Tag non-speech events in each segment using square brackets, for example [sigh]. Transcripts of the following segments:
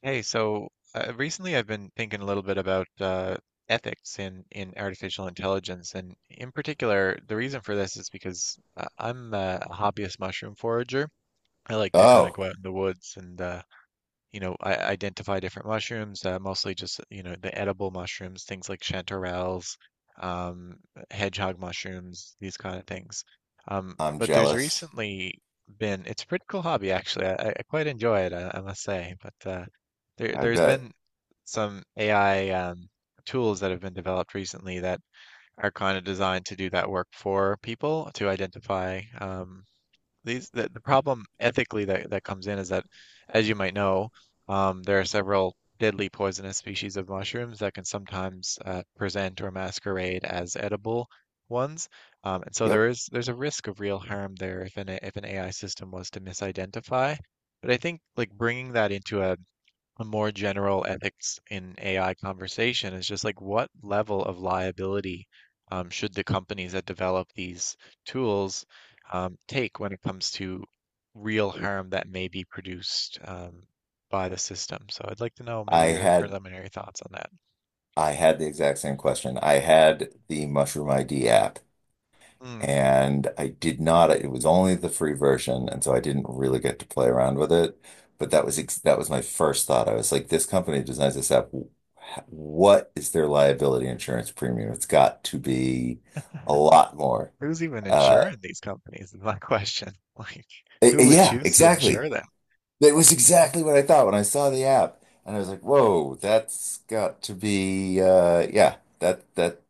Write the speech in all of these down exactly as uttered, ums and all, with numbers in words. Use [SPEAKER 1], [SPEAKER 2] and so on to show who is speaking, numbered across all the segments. [SPEAKER 1] Hey, so uh, recently I've been thinking a little bit about uh, ethics in, in artificial intelligence, and in particular, the reason for this is because uh, I'm a hobbyist mushroom forager. I like to kind of
[SPEAKER 2] Oh,
[SPEAKER 1] go out in the woods and uh, you know, I identify different mushrooms, uh, mostly just, you know, the edible mushrooms, things like chanterelles, um, hedgehog mushrooms, these kind of things. Um,
[SPEAKER 2] I'm
[SPEAKER 1] but there's
[SPEAKER 2] jealous.
[SPEAKER 1] recently been, It's a pretty cool hobby actually. I, I I quite enjoy it, I, I must say. But uh, there,
[SPEAKER 2] I
[SPEAKER 1] there's
[SPEAKER 2] bet.
[SPEAKER 1] been some A I um, tools that have been developed recently that are kind of designed to do that work for people to identify um, these the, the problem ethically that, that comes in is that, as you might know, um, there are several deadly poisonous species of mushrooms that can sometimes uh, present or masquerade as edible ones. Um, and so
[SPEAKER 2] Yep.
[SPEAKER 1] there is there's a risk of real harm there if an if an A I system was to misidentify. But I think like bringing that into a a more general ethics in A I conversation is just like what level of liability um, should the companies that develop these tools um, take when it comes to real harm that may be produced um, by the system? So I'd like to know maybe
[SPEAKER 2] I
[SPEAKER 1] your
[SPEAKER 2] had
[SPEAKER 1] preliminary thoughts on that.
[SPEAKER 2] I had the exact same question. I had the Mushroom I D app,
[SPEAKER 1] Mm,
[SPEAKER 2] and I did not— it was only the free version and so I didn't really get to play around with it, but that
[SPEAKER 1] mhm.
[SPEAKER 2] was ex that was my first thought. I was like, this company designs this app. What is their liability insurance premium? It's got to be a lot more.
[SPEAKER 1] Who's even
[SPEAKER 2] Uh
[SPEAKER 1] insuring these companies is my question. [laughs] Like,
[SPEAKER 2] eh, eh,
[SPEAKER 1] who would
[SPEAKER 2] yeah,
[SPEAKER 1] choose to
[SPEAKER 2] exactly.
[SPEAKER 1] insure them?
[SPEAKER 2] That was
[SPEAKER 1] You know?
[SPEAKER 2] exactly what I thought when I saw the app, and I was like, "Whoa, that's got to be uh, yeah, that that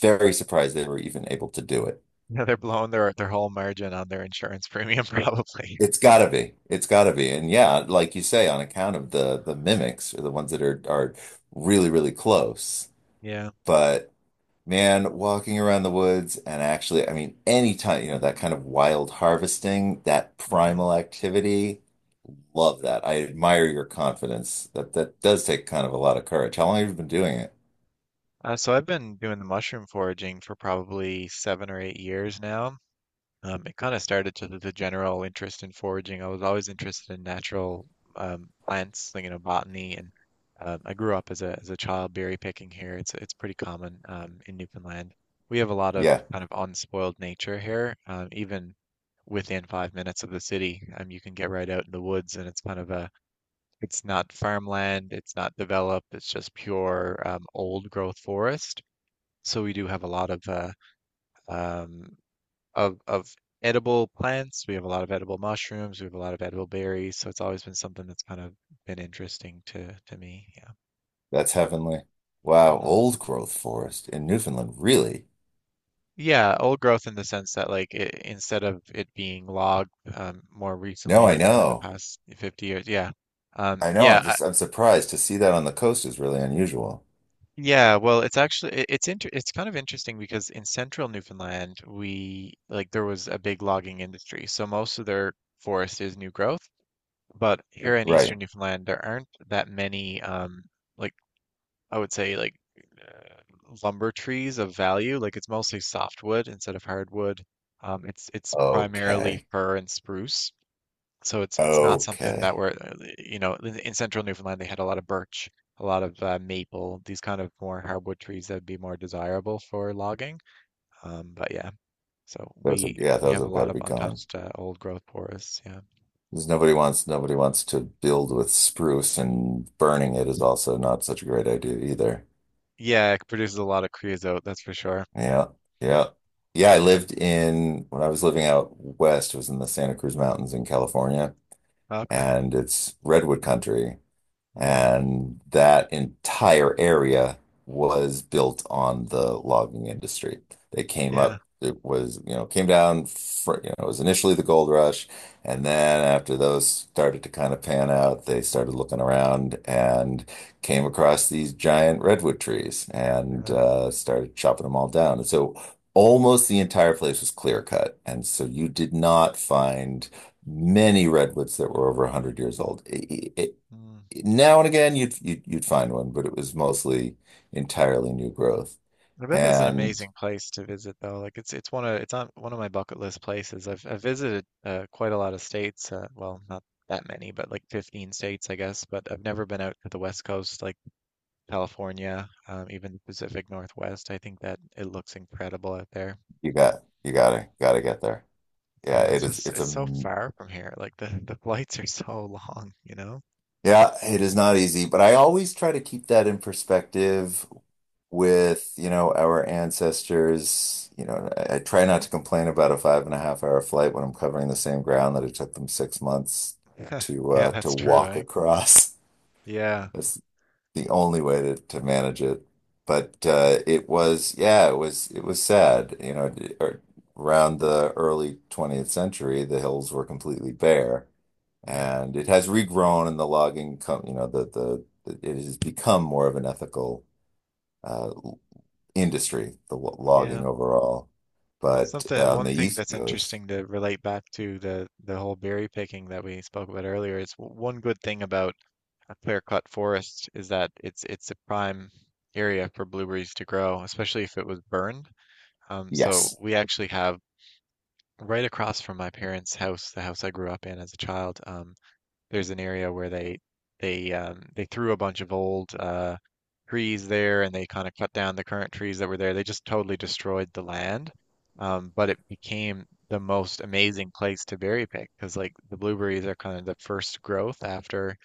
[SPEAKER 2] very surprised they were even able to do it.
[SPEAKER 1] Yeah, they're blowing their their whole margin on their insurance premium [laughs] probably.
[SPEAKER 2] It's got to be, it's got to be, and yeah, like you say, on account of the the mimics are the ones that are are really, really close.
[SPEAKER 1] Yeah.
[SPEAKER 2] But man, walking around the woods, and actually, I mean, anytime, you know, that kind of wild harvesting, that
[SPEAKER 1] Hmm.
[SPEAKER 2] primal activity. Love that. I admire your confidence. That that does take kind of a lot of courage. How long have you been doing it?
[SPEAKER 1] Uh, so I've been doing the mushroom foraging for probably seven or eight years now. Um, it kind of started to the the general interest in foraging. I was always interested in natural um, plants, like, you know, botany, and um, I grew up as a as a child berry picking here. It's it's pretty common um, in Newfoundland. We have a lot of
[SPEAKER 2] Yeah,
[SPEAKER 1] kind of unspoiled nature here. Um, even within five minutes of the city, um, you can get right out in the woods, and it's kind of a it's not farmland, it's not developed, it's just pure um, old growth forest. So we do have a lot of uh, um, of of edible plants. We have a lot of edible mushrooms. We have a lot of edible berries. So it's always been something that's kind of been interesting to to me. Yeah.
[SPEAKER 2] that's heavenly. Wow,
[SPEAKER 1] Hmm.
[SPEAKER 2] old growth forest in Newfoundland. Really?
[SPEAKER 1] Yeah, old growth in the sense that like it, instead of it being logged um, more
[SPEAKER 2] No,
[SPEAKER 1] recently,
[SPEAKER 2] I
[SPEAKER 1] like within the
[SPEAKER 2] know.
[SPEAKER 1] past fifty years. Yeah. Um,
[SPEAKER 2] I know.
[SPEAKER 1] yeah.
[SPEAKER 2] I'm
[SPEAKER 1] I,
[SPEAKER 2] just I'm surprised to see that on the coast is really unusual.
[SPEAKER 1] yeah. Well, it's actually it, it's inter it's kind of interesting because in central Newfoundland, we like there was a big logging industry. So most of their forest is new growth. But here in Eastern
[SPEAKER 2] Right.
[SPEAKER 1] Newfoundland, there aren't that many, um, like I would say, like uh, lumber trees of value. Like it's mostly softwood instead of hardwood. Um, it's it's primarily
[SPEAKER 2] Okay.
[SPEAKER 1] fir and spruce, so it's it's not something that
[SPEAKER 2] Okay.
[SPEAKER 1] we're, uh, you know, in, in central Newfoundland they had a lot of birch, a lot of uh, maple, these kind of more hardwood trees that would be more desirable for logging. Um, but yeah, so
[SPEAKER 2] Those have,
[SPEAKER 1] we
[SPEAKER 2] yeah,
[SPEAKER 1] we
[SPEAKER 2] those
[SPEAKER 1] have a
[SPEAKER 2] have got
[SPEAKER 1] lot
[SPEAKER 2] to
[SPEAKER 1] of
[SPEAKER 2] be gone.
[SPEAKER 1] untouched uh, old growth forests. Yeah,
[SPEAKER 2] Because nobody wants nobody wants to build with spruce, and burning it is also not such a great idea either.
[SPEAKER 1] yeah, it produces a lot of creosote, that's for sure.
[SPEAKER 2] Yeah, yeah. Yeah, I
[SPEAKER 1] Yeah.
[SPEAKER 2] lived in— when I was living out west, was in the Santa Cruz Mountains in California,
[SPEAKER 1] Okay.
[SPEAKER 2] and it's redwood country.
[SPEAKER 1] Mm.
[SPEAKER 2] And that entire area was built on the logging industry. They came
[SPEAKER 1] Yeah.
[SPEAKER 2] up, it was, you know, came down for, you know, it was initially the gold rush. And then after those started to kind of pan out, they started looking around and came
[SPEAKER 1] Mm.
[SPEAKER 2] across these giant redwood trees and
[SPEAKER 1] Yeah.
[SPEAKER 2] uh, started chopping them all down. And so almost the entire place was clear cut. And so you did not find many redwoods that were over one hundred years old. It, it,
[SPEAKER 1] Mm.
[SPEAKER 2] now and again you'd, you'd you'd find one, but it was mostly entirely new growth.
[SPEAKER 1] I bet that's an
[SPEAKER 2] And
[SPEAKER 1] amazing place to visit though. Like it's it's one of it's on one of my bucket list places. I've I've visited uh, quite a lot of states. Uh, well, not that many, but like fifteen states, I guess. But I've never been out to the West Coast, like California, um, even the Pacific Northwest. I think that it looks incredible out there.
[SPEAKER 2] you got— you gotta gotta get there. Yeah,
[SPEAKER 1] Yeah, it's
[SPEAKER 2] it is.
[SPEAKER 1] just
[SPEAKER 2] It's a—
[SPEAKER 1] it's so far from here. Like the the flights are so long, you know?
[SPEAKER 2] yeah, it is not easy, but I always try to keep that in perspective with, you know, our ancestors. You know, I, I try not to complain about a five and a half hour flight when I'm covering the same ground that it took them six months
[SPEAKER 1] [laughs]
[SPEAKER 2] to
[SPEAKER 1] Yeah,
[SPEAKER 2] uh, to
[SPEAKER 1] that's true,
[SPEAKER 2] walk
[SPEAKER 1] eh?
[SPEAKER 2] across.
[SPEAKER 1] Yeah.
[SPEAKER 2] [laughs] That's the only way to, to manage it. But uh, it was, yeah, it was, it was sad. You know, ar- around the early twentieth century, the hills were completely bare,
[SPEAKER 1] Mm.
[SPEAKER 2] and it has regrown. And the logging com you know, the, the the- it has become more of an ethical uh, industry, the lo- logging
[SPEAKER 1] Yeah.
[SPEAKER 2] overall.
[SPEAKER 1] Well,
[SPEAKER 2] But
[SPEAKER 1] something
[SPEAKER 2] on
[SPEAKER 1] one
[SPEAKER 2] the
[SPEAKER 1] thing
[SPEAKER 2] East
[SPEAKER 1] that's
[SPEAKER 2] Coast,
[SPEAKER 1] interesting to relate back to the the whole berry picking that we spoke about earlier is w- one good thing about a clear-cut forest is that it's it's a prime area for blueberries to grow, especially if it was burned. Um, so
[SPEAKER 2] yes,
[SPEAKER 1] we actually have right across from my parents' house, the house I grew up in as a child. Um, there's an area where they they um, they threw a bunch of old uh, trees there and they kind of cut down the current trees that were there. They just totally destroyed the land. Um, but it became the most amazing place to berry pick because like the blueberries are kind of the first growth after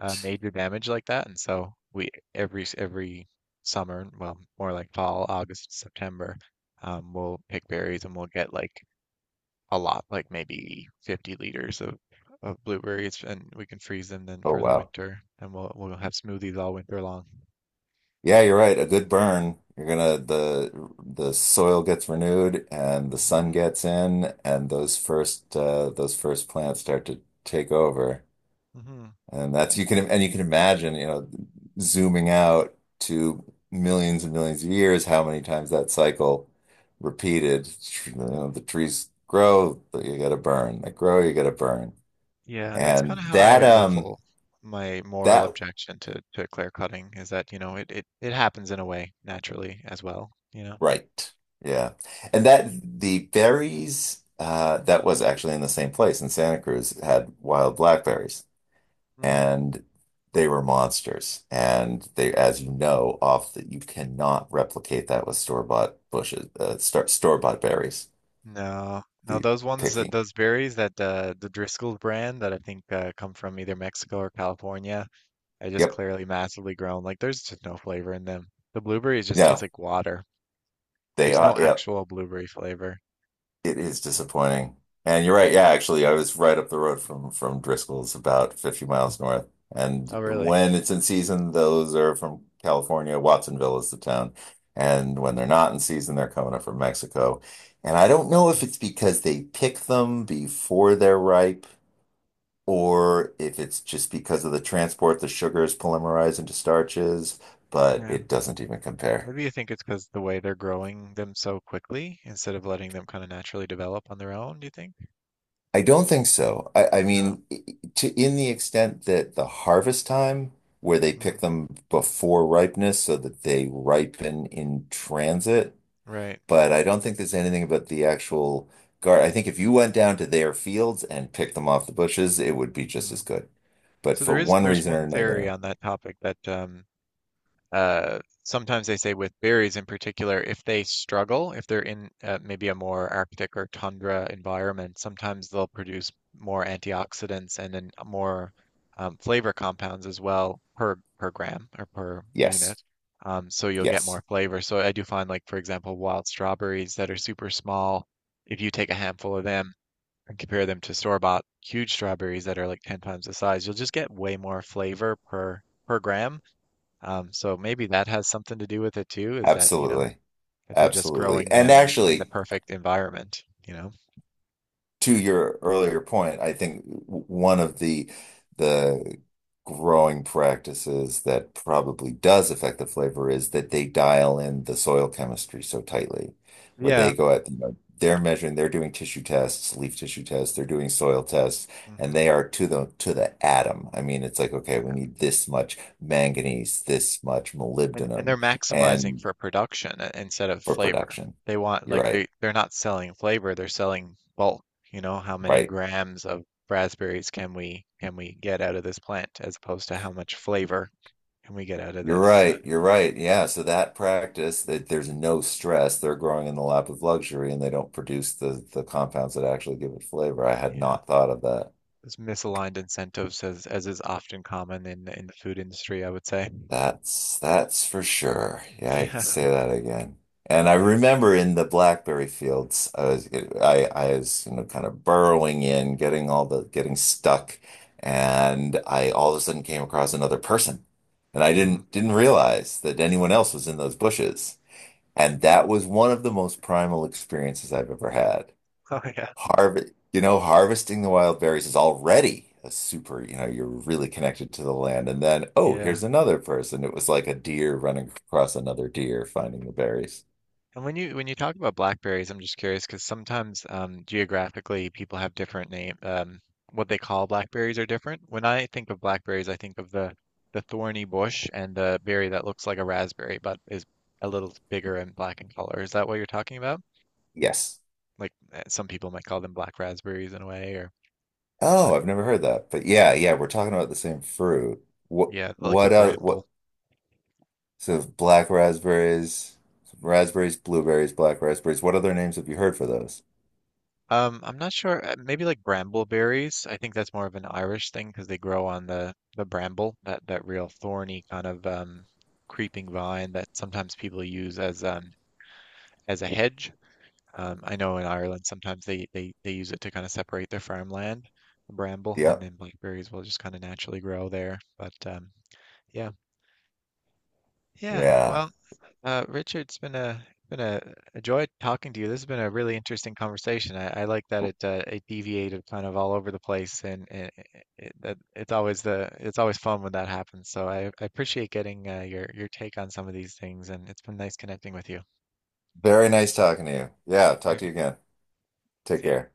[SPEAKER 1] uh, major damage like that. And so we every s- every summer, well, more like fall, August, September, um, we'll pick berries and we'll get like a lot, like maybe fifty liters of of blueberries, and we can freeze them then
[SPEAKER 2] Oh,
[SPEAKER 1] for the
[SPEAKER 2] wow.
[SPEAKER 1] winter, and we'll we'll have smoothies all winter long.
[SPEAKER 2] Yeah, you're right. A good burn. You're gonna— the the soil gets renewed and the sun
[SPEAKER 1] Hmm.
[SPEAKER 2] gets in, and those first uh, those first plants start to take over.
[SPEAKER 1] Hmm.
[SPEAKER 2] And that's— you can— and you can imagine, you know, zooming out to millions and millions of years, how many times that cycle repeated. You know, the trees grow, but you gotta burn. They grow, you gotta burn.
[SPEAKER 1] Yeah, that's kind
[SPEAKER 2] And
[SPEAKER 1] of how
[SPEAKER 2] that
[SPEAKER 1] I
[SPEAKER 2] um
[SPEAKER 1] level my moral
[SPEAKER 2] that
[SPEAKER 1] objection to to clear cutting is that, you know, it it it happens in a way naturally as well, you know.
[SPEAKER 2] Right. Yeah. And that the berries uh that was actually in the same place in Santa Cruz had wild
[SPEAKER 1] Mm.
[SPEAKER 2] blackberries,
[SPEAKER 1] Mm.
[SPEAKER 2] and they were monsters. And they, as you know, off that— you cannot replicate that with store-bought bushes, uh, store store-bought berries.
[SPEAKER 1] No, no,
[SPEAKER 2] The
[SPEAKER 1] those ones, that
[SPEAKER 2] picking.
[SPEAKER 1] those berries that uh, the Driscoll's brand that I think uh, come from either Mexico or California. They're just
[SPEAKER 2] Yep.
[SPEAKER 1] clearly massively grown. Like there's just no flavor in them. The blueberries just taste
[SPEAKER 2] No,
[SPEAKER 1] like water.
[SPEAKER 2] they
[SPEAKER 1] There's
[SPEAKER 2] are.
[SPEAKER 1] no
[SPEAKER 2] Yep.
[SPEAKER 1] actual blueberry flavor.
[SPEAKER 2] It is
[SPEAKER 1] And,
[SPEAKER 2] disappointing. And you're
[SPEAKER 1] yeah.
[SPEAKER 2] right. Yeah, actually, I was right up the road from from Driscoll's, about fifty miles north. And
[SPEAKER 1] Oh, really?
[SPEAKER 2] when it's in season, those are from California. Watsonville is the town. And when
[SPEAKER 1] Mm,
[SPEAKER 2] they're not in season, they're coming up from Mexico. And I don't know
[SPEAKER 1] yeah.
[SPEAKER 2] if it's because they pick them before they're ripe, or if it's just because of the transport, the sugars polymerize into starches, but
[SPEAKER 1] Yeah.
[SPEAKER 2] it doesn't even compare.
[SPEAKER 1] Maybe you think it's because the way they're growing them so quickly instead of letting them kind of naturally develop on their own, do you think?
[SPEAKER 2] I don't think so. I, I
[SPEAKER 1] No.
[SPEAKER 2] mean, i- to— in the extent that the harvest time, where they pick
[SPEAKER 1] Mm,
[SPEAKER 2] them before ripeness so that they ripen in transit,
[SPEAKER 1] right.
[SPEAKER 2] but I don't think there's anything about the actual guard. I think if you went down to their fields and picked them off the bushes, it would be just as
[SPEAKER 1] Mm.
[SPEAKER 2] good. But
[SPEAKER 1] So
[SPEAKER 2] for
[SPEAKER 1] there is
[SPEAKER 2] one
[SPEAKER 1] there's
[SPEAKER 2] reason or
[SPEAKER 1] one theory
[SPEAKER 2] another,
[SPEAKER 1] on that topic that um uh, sometimes they say with berries in particular, if they struggle, if they're in uh, maybe a more Arctic or tundra environment, sometimes they'll produce more antioxidants and then more um, flavor compounds as well per per gram or per
[SPEAKER 2] yes,
[SPEAKER 1] unit. Um, so you'll get
[SPEAKER 2] yes,
[SPEAKER 1] more flavor. So I do find like, for example, wild strawberries that are super small, if you take a handful of them and compare them to store-bought huge strawberries that are like ten times the size, you'll just get way more flavor per per gram. Um, so maybe that has something to do with it too, is that, you know,
[SPEAKER 2] absolutely,
[SPEAKER 1] that they're just
[SPEAKER 2] absolutely.
[SPEAKER 1] growing
[SPEAKER 2] And
[SPEAKER 1] them in the
[SPEAKER 2] actually,
[SPEAKER 1] perfect environment, you know?
[SPEAKER 2] to your earlier point, I think one of the the growing practices that probably does affect the flavor is that they dial in the soil chemistry so tightly, where
[SPEAKER 1] Yeah.
[SPEAKER 2] they go at, you know, they're measuring, they're doing tissue tests, leaf tissue tests, they're doing soil tests, and
[SPEAKER 1] Hmm.
[SPEAKER 2] they are to the— to the atom. I mean, it's like, okay, we
[SPEAKER 1] Yeah.
[SPEAKER 2] need this much manganese, this much
[SPEAKER 1] And and they're
[SPEAKER 2] molybdenum,
[SPEAKER 1] maximizing
[SPEAKER 2] and
[SPEAKER 1] for production i- instead of
[SPEAKER 2] for
[SPEAKER 1] flavor.
[SPEAKER 2] production.
[SPEAKER 1] They want
[SPEAKER 2] You're
[SPEAKER 1] like
[SPEAKER 2] right.
[SPEAKER 1] they they're not selling flavor, they're selling bulk, you know, how many
[SPEAKER 2] Right.
[SPEAKER 1] grams of raspberries can we can we get out of this plant as opposed to how much flavor can we get out of
[SPEAKER 2] You're
[SPEAKER 1] this uh,
[SPEAKER 2] right. You're right. Yeah. So that practice, that there's no stress, they're growing in the lap of luxury, and they don't produce the the compounds that actually give it flavor. I had
[SPEAKER 1] yeah.
[SPEAKER 2] not thought of that.
[SPEAKER 1] This misaligned incentives as as is often common in in the food industry, I would say.
[SPEAKER 2] That's that's for sure. Yeah,
[SPEAKER 1] [laughs]
[SPEAKER 2] I could
[SPEAKER 1] Yeah.
[SPEAKER 2] say that again. And I
[SPEAKER 1] Yeah.
[SPEAKER 2] remember in the blackberry fields, I was— I I was, you know, kind of burrowing in, getting all the— getting stuck, and I all of a sudden came across another person. And I
[SPEAKER 1] Mm.
[SPEAKER 2] didn't didn't realize that anyone
[SPEAKER 1] Hmm.
[SPEAKER 2] else was
[SPEAKER 1] [laughs]
[SPEAKER 2] in those bushes. And that was one of the most primal experiences I've ever had.
[SPEAKER 1] Oh yeah,
[SPEAKER 2] Harvest, you know, harvesting the wild berries is already a super, you know, you're really connected to the land. And then, oh,
[SPEAKER 1] yeah.
[SPEAKER 2] here's another person. It was like a deer running across another deer finding the berries.
[SPEAKER 1] And when you when you talk about blackberries, I'm just curious because sometimes um, geographically people have different name. Um, what they call blackberries are different. When I think of blackberries, I think of the the thorny bush and the berry that looks like a raspberry but is a little bigger and black in color. Is that what you're talking about?
[SPEAKER 2] Yes.
[SPEAKER 1] Like eh, some people might call them black raspberries in a way, or but
[SPEAKER 2] Oh, I've never heard that. But yeah, yeah, we're talking about the same fruit. What,
[SPEAKER 1] yeah, like the
[SPEAKER 2] what, uh,
[SPEAKER 1] bramble.
[SPEAKER 2] what, so black raspberries, raspberries, blueberries, black raspberries. What other names have you heard for those?
[SPEAKER 1] Um, I'm not sure. Uh, maybe like brambleberries. I think that's more of an Irish thing because they grow on the the bramble, that that real thorny kind of um, creeping vine that sometimes people use as um as a hedge. Um, I know in Ireland sometimes they they they use it to kind of separate their farmland, the bramble, and
[SPEAKER 2] Yep.
[SPEAKER 1] then blackberries will just kind of naturally grow there. But um, yeah, yeah.
[SPEAKER 2] Yeah.
[SPEAKER 1] Well. Uh, Richard, it's been a been a, a joy talking to you. This has been a really interesting conversation. I, I like that it uh, it deviated kind of all over the place, and, and it, that it's always the it's always fun when that happens. So I, I appreciate getting uh, your your take on some of these things, and it's been nice connecting with you.
[SPEAKER 2] Very nice talking to you. Yeah,
[SPEAKER 1] All
[SPEAKER 2] talk to
[SPEAKER 1] right,
[SPEAKER 2] you again. Take
[SPEAKER 1] see ya.
[SPEAKER 2] care.